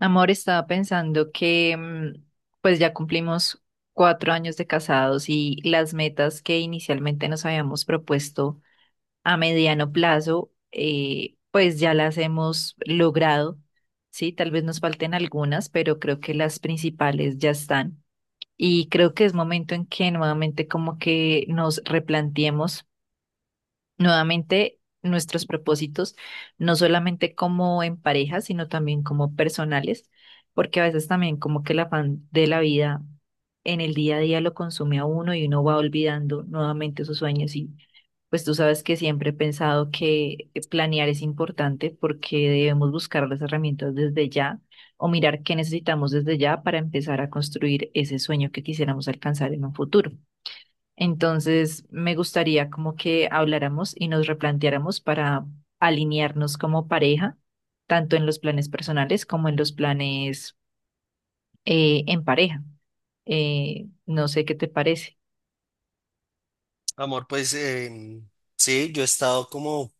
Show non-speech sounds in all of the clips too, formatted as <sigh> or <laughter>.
Amor, estaba pensando que pues ya cumplimos 4 años de casados y las metas que inicialmente nos habíamos propuesto a mediano plazo, pues ya las hemos logrado. Sí, tal vez nos falten algunas, pero creo que las principales ya están. Y creo que es momento en que nuevamente como que nos replanteemos nuevamente, nuestros propósitos, no solamente como en pareja, sino también como personales, porque a veces también como que el afán de la vida en el día a día lo consume a uno y uno va olvidando nuevamente sus sueños y pues tú sabes que siempre he pensado que planear es importante porque debemos buscar las herramientas desde ya o mirar qué necesitamos desde ya para empezar a construir ese sueño que quisiéramos alcanzar en un futuro. Entonces, me gustaría como que habláramos y nos replanteáramos para alinearnos como pareja, tanto en los planes personales como en los planes en pareja. No sé qué te parece. Amor, pues sí, yo he estado como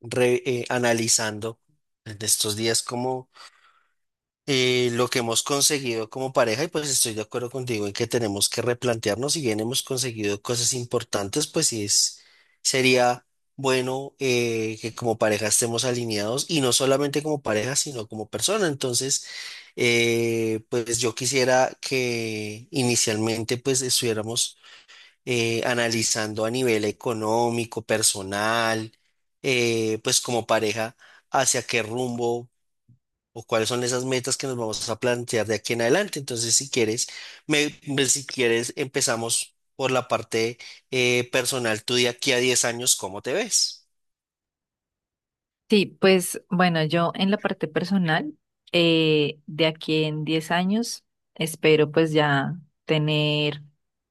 analizando en estos días como lo que hemos conseguido como pareja y pues estoy de acuerdo contigo en que tenemos que replantearnos. Si bien hemos conseguido cosas importantes, pues sí es, sería bueno que como pareja estemos alineados y no solamente como pareja, sino como persona. Entonces, pues yo quisiera que inicialmente pues estuviéramos analizando a nivel económico, personal, pues como pareja, hacia qué rumbo o cuáles son esas metas que nos vamos a plantear de aquí en adelante. Entonces, si quieres, si quieres, empezamos por la parte personal. Tú de aquí a 10 años, ¿cómo te ves? Sí, pues bueno, yo en la parte personal, de aquí en 10 años, espero pues ya tener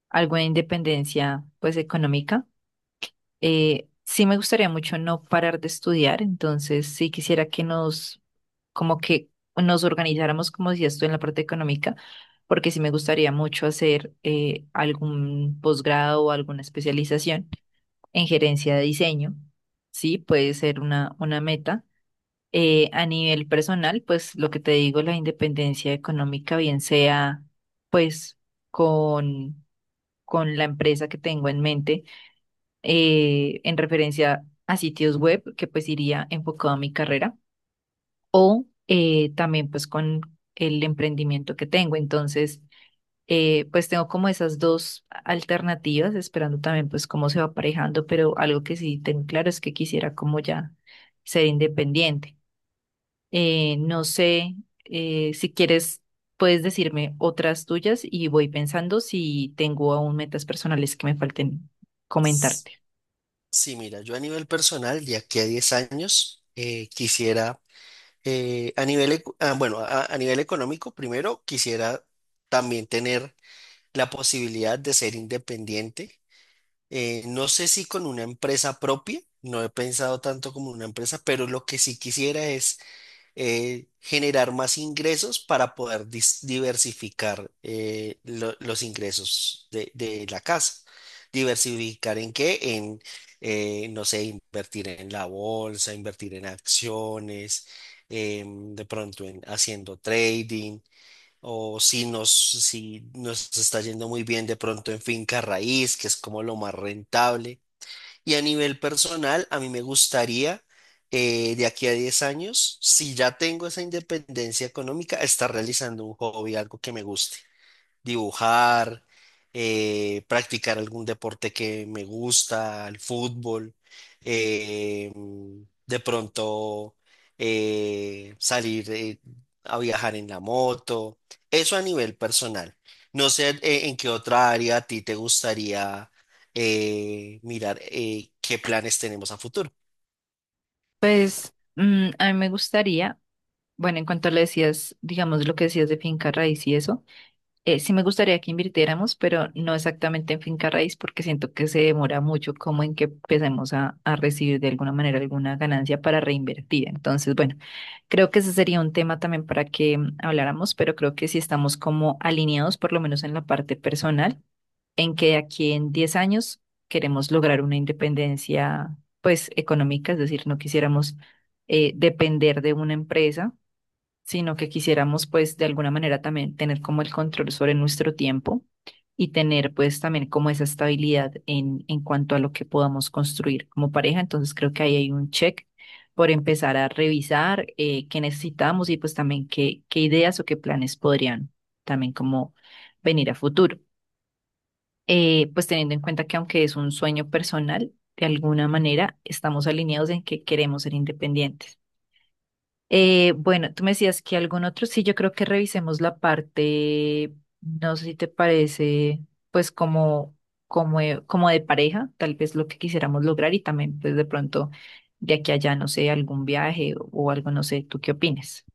algo de independencia pues económica. Sí me gustaría mucho no parar de estudiar, entonces sí quisiera que nos, como que nos organizáramos, como decías tú, en la parte económica, porque sí me gustaría mucho hacer algún posgrado o alguna especialización en gerencia de diseño. Sí, puede ser una meta. A nivel personal, pues lo que te digo, la independencia económica, bien sea pues con, con la empresa que tengo en mente en referencia a sitios web, que pues iría enfocado a mi carrera, o también pues con el emprendimiento que tengo. Entonces, pues tengo como esas dos alternativas, esperando también pues cómo se va aparejando, pero algo que sí tengo claro es que quisiera como ya ser independiente. No sé si quieres, puedes decirme otras tuyas y voy pensando si tengo aún metas personales que me falten S- comentarte. Sí, mira, yo a nivel personal, de aquí a 10 años, quisiera, a bueno, a nivel económico, primero quisiera también tener la posibilidad de ser independiente. No sé si con una empresa propia, no he pensado tanto como una empresa, pero lo que sí quisiera es generar más ingresos para poder diversificar los ingresos de la casa. ¿Diversificar en qué? En, no sé, invertir en la bolsa, invertir en acciones, de pronto en haciendo trading, o si nos, si nos está yendo muy bien, de pronto en finca raíz, que es como lo más rentable. Y a nivel personal, a mí me gustaría, de aquí a 10 años, si ya tengo esa independencia económica, estar realizando un hobby, algo que me guste: dibujar, practicar algún deporte que me gusta, el fútbol, eh, de pronto salir a viajar en la moto. Eso a nivel personal. No sé en qué otra área a ti te gustaría mirar qué planes tenemos a futuro. Pues a mí me gustaría, bueno, en cuanto le decías, digamos lo que decías de finca raíz y eso, sí me gustaría que invirtiéramos, pero no exactamente en finca raíz porque siento que se demora mucho como en que empecemos a recibir de alguna manera alguna ganancia para reinvertir. Entonces, bueno, creo que ese sería un tema también para que habláramos, pero creo que si estamos como alineados, por lo menos en la parte personal en que de aquí en 10 años queremos lograr una independencia, pues, económica, es decir, no quisiéramos depender de una empresa, sino que quisiéramos, pues, de alguna manera también tener como el control sobre nuestro tiempo y tener, pues, también como esa estabilidad en cuanto a lo que podamos construir como pareja. Entonces, creo que ahí hay un check. Por empezar a revisar qué necesitamos y pues también qué, qué ideas o qué planes podrían también como venir a futuro, pues teniendo en cuenta que aunque es un sueño personal, de alguna manera estamos alineados en que queremos ser independientes. Bueno, tú me decías que algún otro, sí, yo creo que revisemos la parte, no sé si te parece, pues como, como, como de pareja, tal vez lo que quisiéramos lograr y también pues de pronto de aquí a allá, no sé, algún viaje o algo, no sé, ¿tú qué opinas?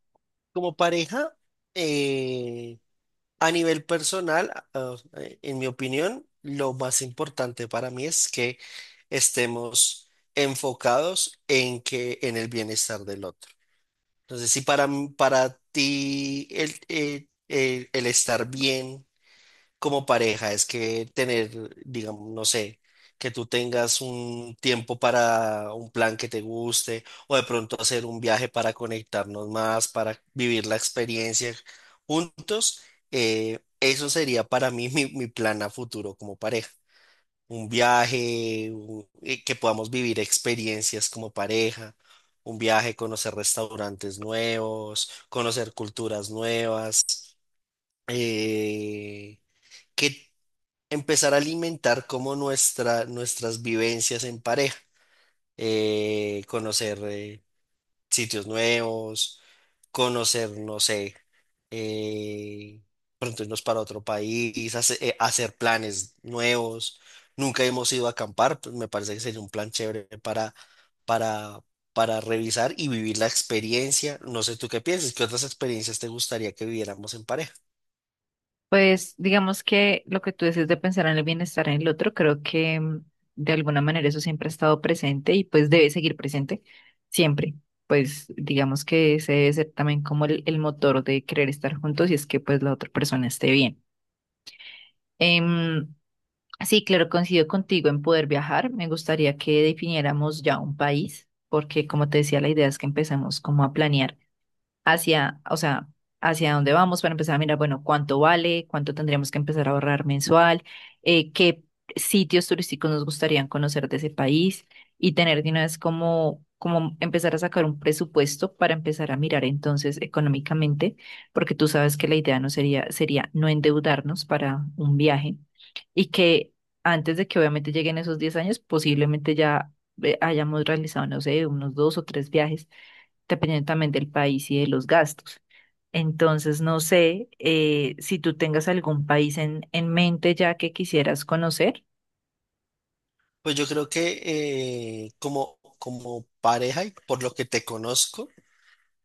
Como pareja, eh, a nivel personal, en mi opinión, lo más importante para mí es que estemos enfocados en que en el bienestar del otro. Entonces, si para ti el estar bien como pareja es que tener, digamos, no sé, que tú tengas un tiempo para un plan que te guste, o de pronto hacer un viaje para conectarnos más, para vivir la experiencia juntos. Eso sería para mí <laughs> mi plan a futuro como pareja. Un viaje, que podamos vivir experiencias como pareja. Un viaje, conocer restaurantes nuevos, conocer culturas nuevas. Eh, que Empezar a alimentar como nuestras vivencias en pareja, conocer sitios nuevos, conocer, no sé, eh, pronto irnos para otro país, hacer planes nuevos. Nunca hemos ido a acampar, pues me parece que sería un plan chévere para, para revisar y vivir la experiencia. No sé tú qué piensas, ¿qué otras experiencias te gustaría que viviéramos en pareja? Pues digamos que lo que tú dices de pensar en el bienestar en el otro, creo que de alguna manera eso siempre ha estado presente y pues debe seguir presente siempre. Pues digamos que ese debe ser también como el motor de querer estar juntos y es que pues la otra persona esté bien. Em, sí, claro, coincido contigo en poder viajar. Me gustaría que definiéramos ya un país, porque como te decía, la idea es que empecemos como a planear hacia, o sea, hacia dónde vamos para empezar a mirar, bueno, cuánto vale, cuánto tendríamos que empezar a ahorrar mensual, qué sitios turísticos nos gustarían conocer de ese país y tener de una vez como, como empezar a sacar un presupuesto para empezar a mirar entonces económicamente, porque tú sabes que la idea no sería, sería no endeudarnos para un viaje y que antes de que obviamente lleguen esos 10 años, posiblemente ya hayamos realizado, no sé, unos 2 o 3 viajes dependiendo también del país y de los gastos. Entonces, no sé si tú tengas algún país en mente ya que quisieras conocer. Pues yo creo que como, como pareja y por lo que te conozco,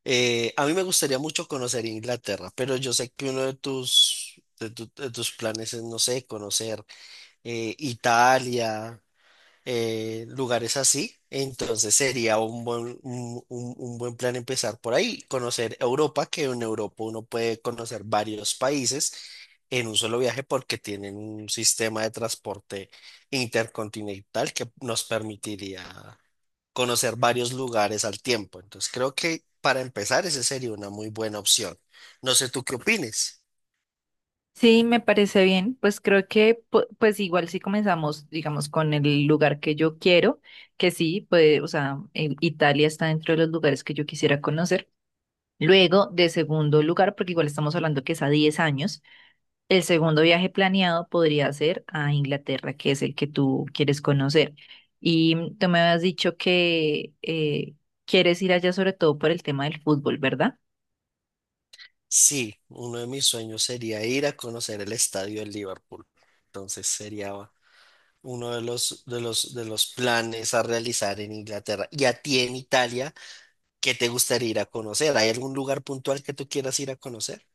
a mí me gustaría mucho conocer Inglaterra, pero yo sé que uno de tus, de tus planes es, no sé, conocer Italia, lugares así. Entonces sería un buen, un buen plan empezar por ahí, conocer Europa, que en Europa uno puede conocer varios países en un solo viaje porque tienen un sistema de transporte intercontinental que nos permitiría conocer varios lugares al tiempo. Entonces creo que para empezar esa sería una muy buena opción. No sé tú qué opines. Sí, me parece bien. Pues creo que, pues igual si comenzamos, digamos, con el lugar que yo quiero, que sí, pues, o sea, Italia está dentro de los lugares que yo quisiera conocer. Luego, de segundo lugar, porque igual estamos hablando que es a 10 años. El segundo viaje planeado podría ser a Inglaterra, que es el que tú quieres conocer. Y tú me habías dicho que quieres ir allá sobre todo por el tema del fútbol, ¿verdad? Sí, uno de mis sueños sería ir a conocer el estadio de Liverpool. Entonces sería uno de los, de los, de los planes a realizar en Inglaterra. Y a ti en Italia, ¿qué te gustaría ir a conocer? ¿Hay algún lugar puntual que tú quieras ir a conocer?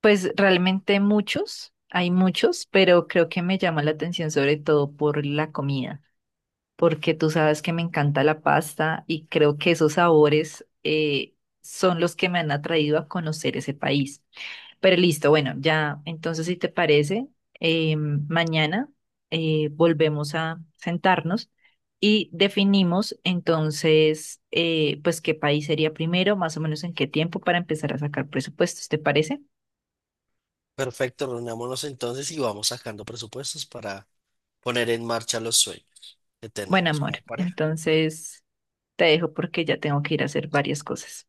Pues realmente muchos, hay muchos, pero creo que me llama la atención sobre todo por la comida, porque tú sabes que me encanta la pasta y creo que esos sabores son los que me han atraído a conocer ese país. Pero listo, bueno, ya, entonces si te parece, mañana volvemos a sentarnos y definimos entonces, pues qué país sería primero, más o menos en qué tiempo para empezar a sacar presupuestos, ¿te parece? Perfecto, reunámonos entonces y vamos sacando presupuestos para poner en marcha los sueños que Bueno, tenemos amor, como pareja. entonces te dejo porque ya tengo que ir a hacer varias cosas.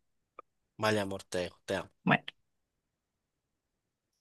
Vale, amor, te dejo, te amo. Bueno.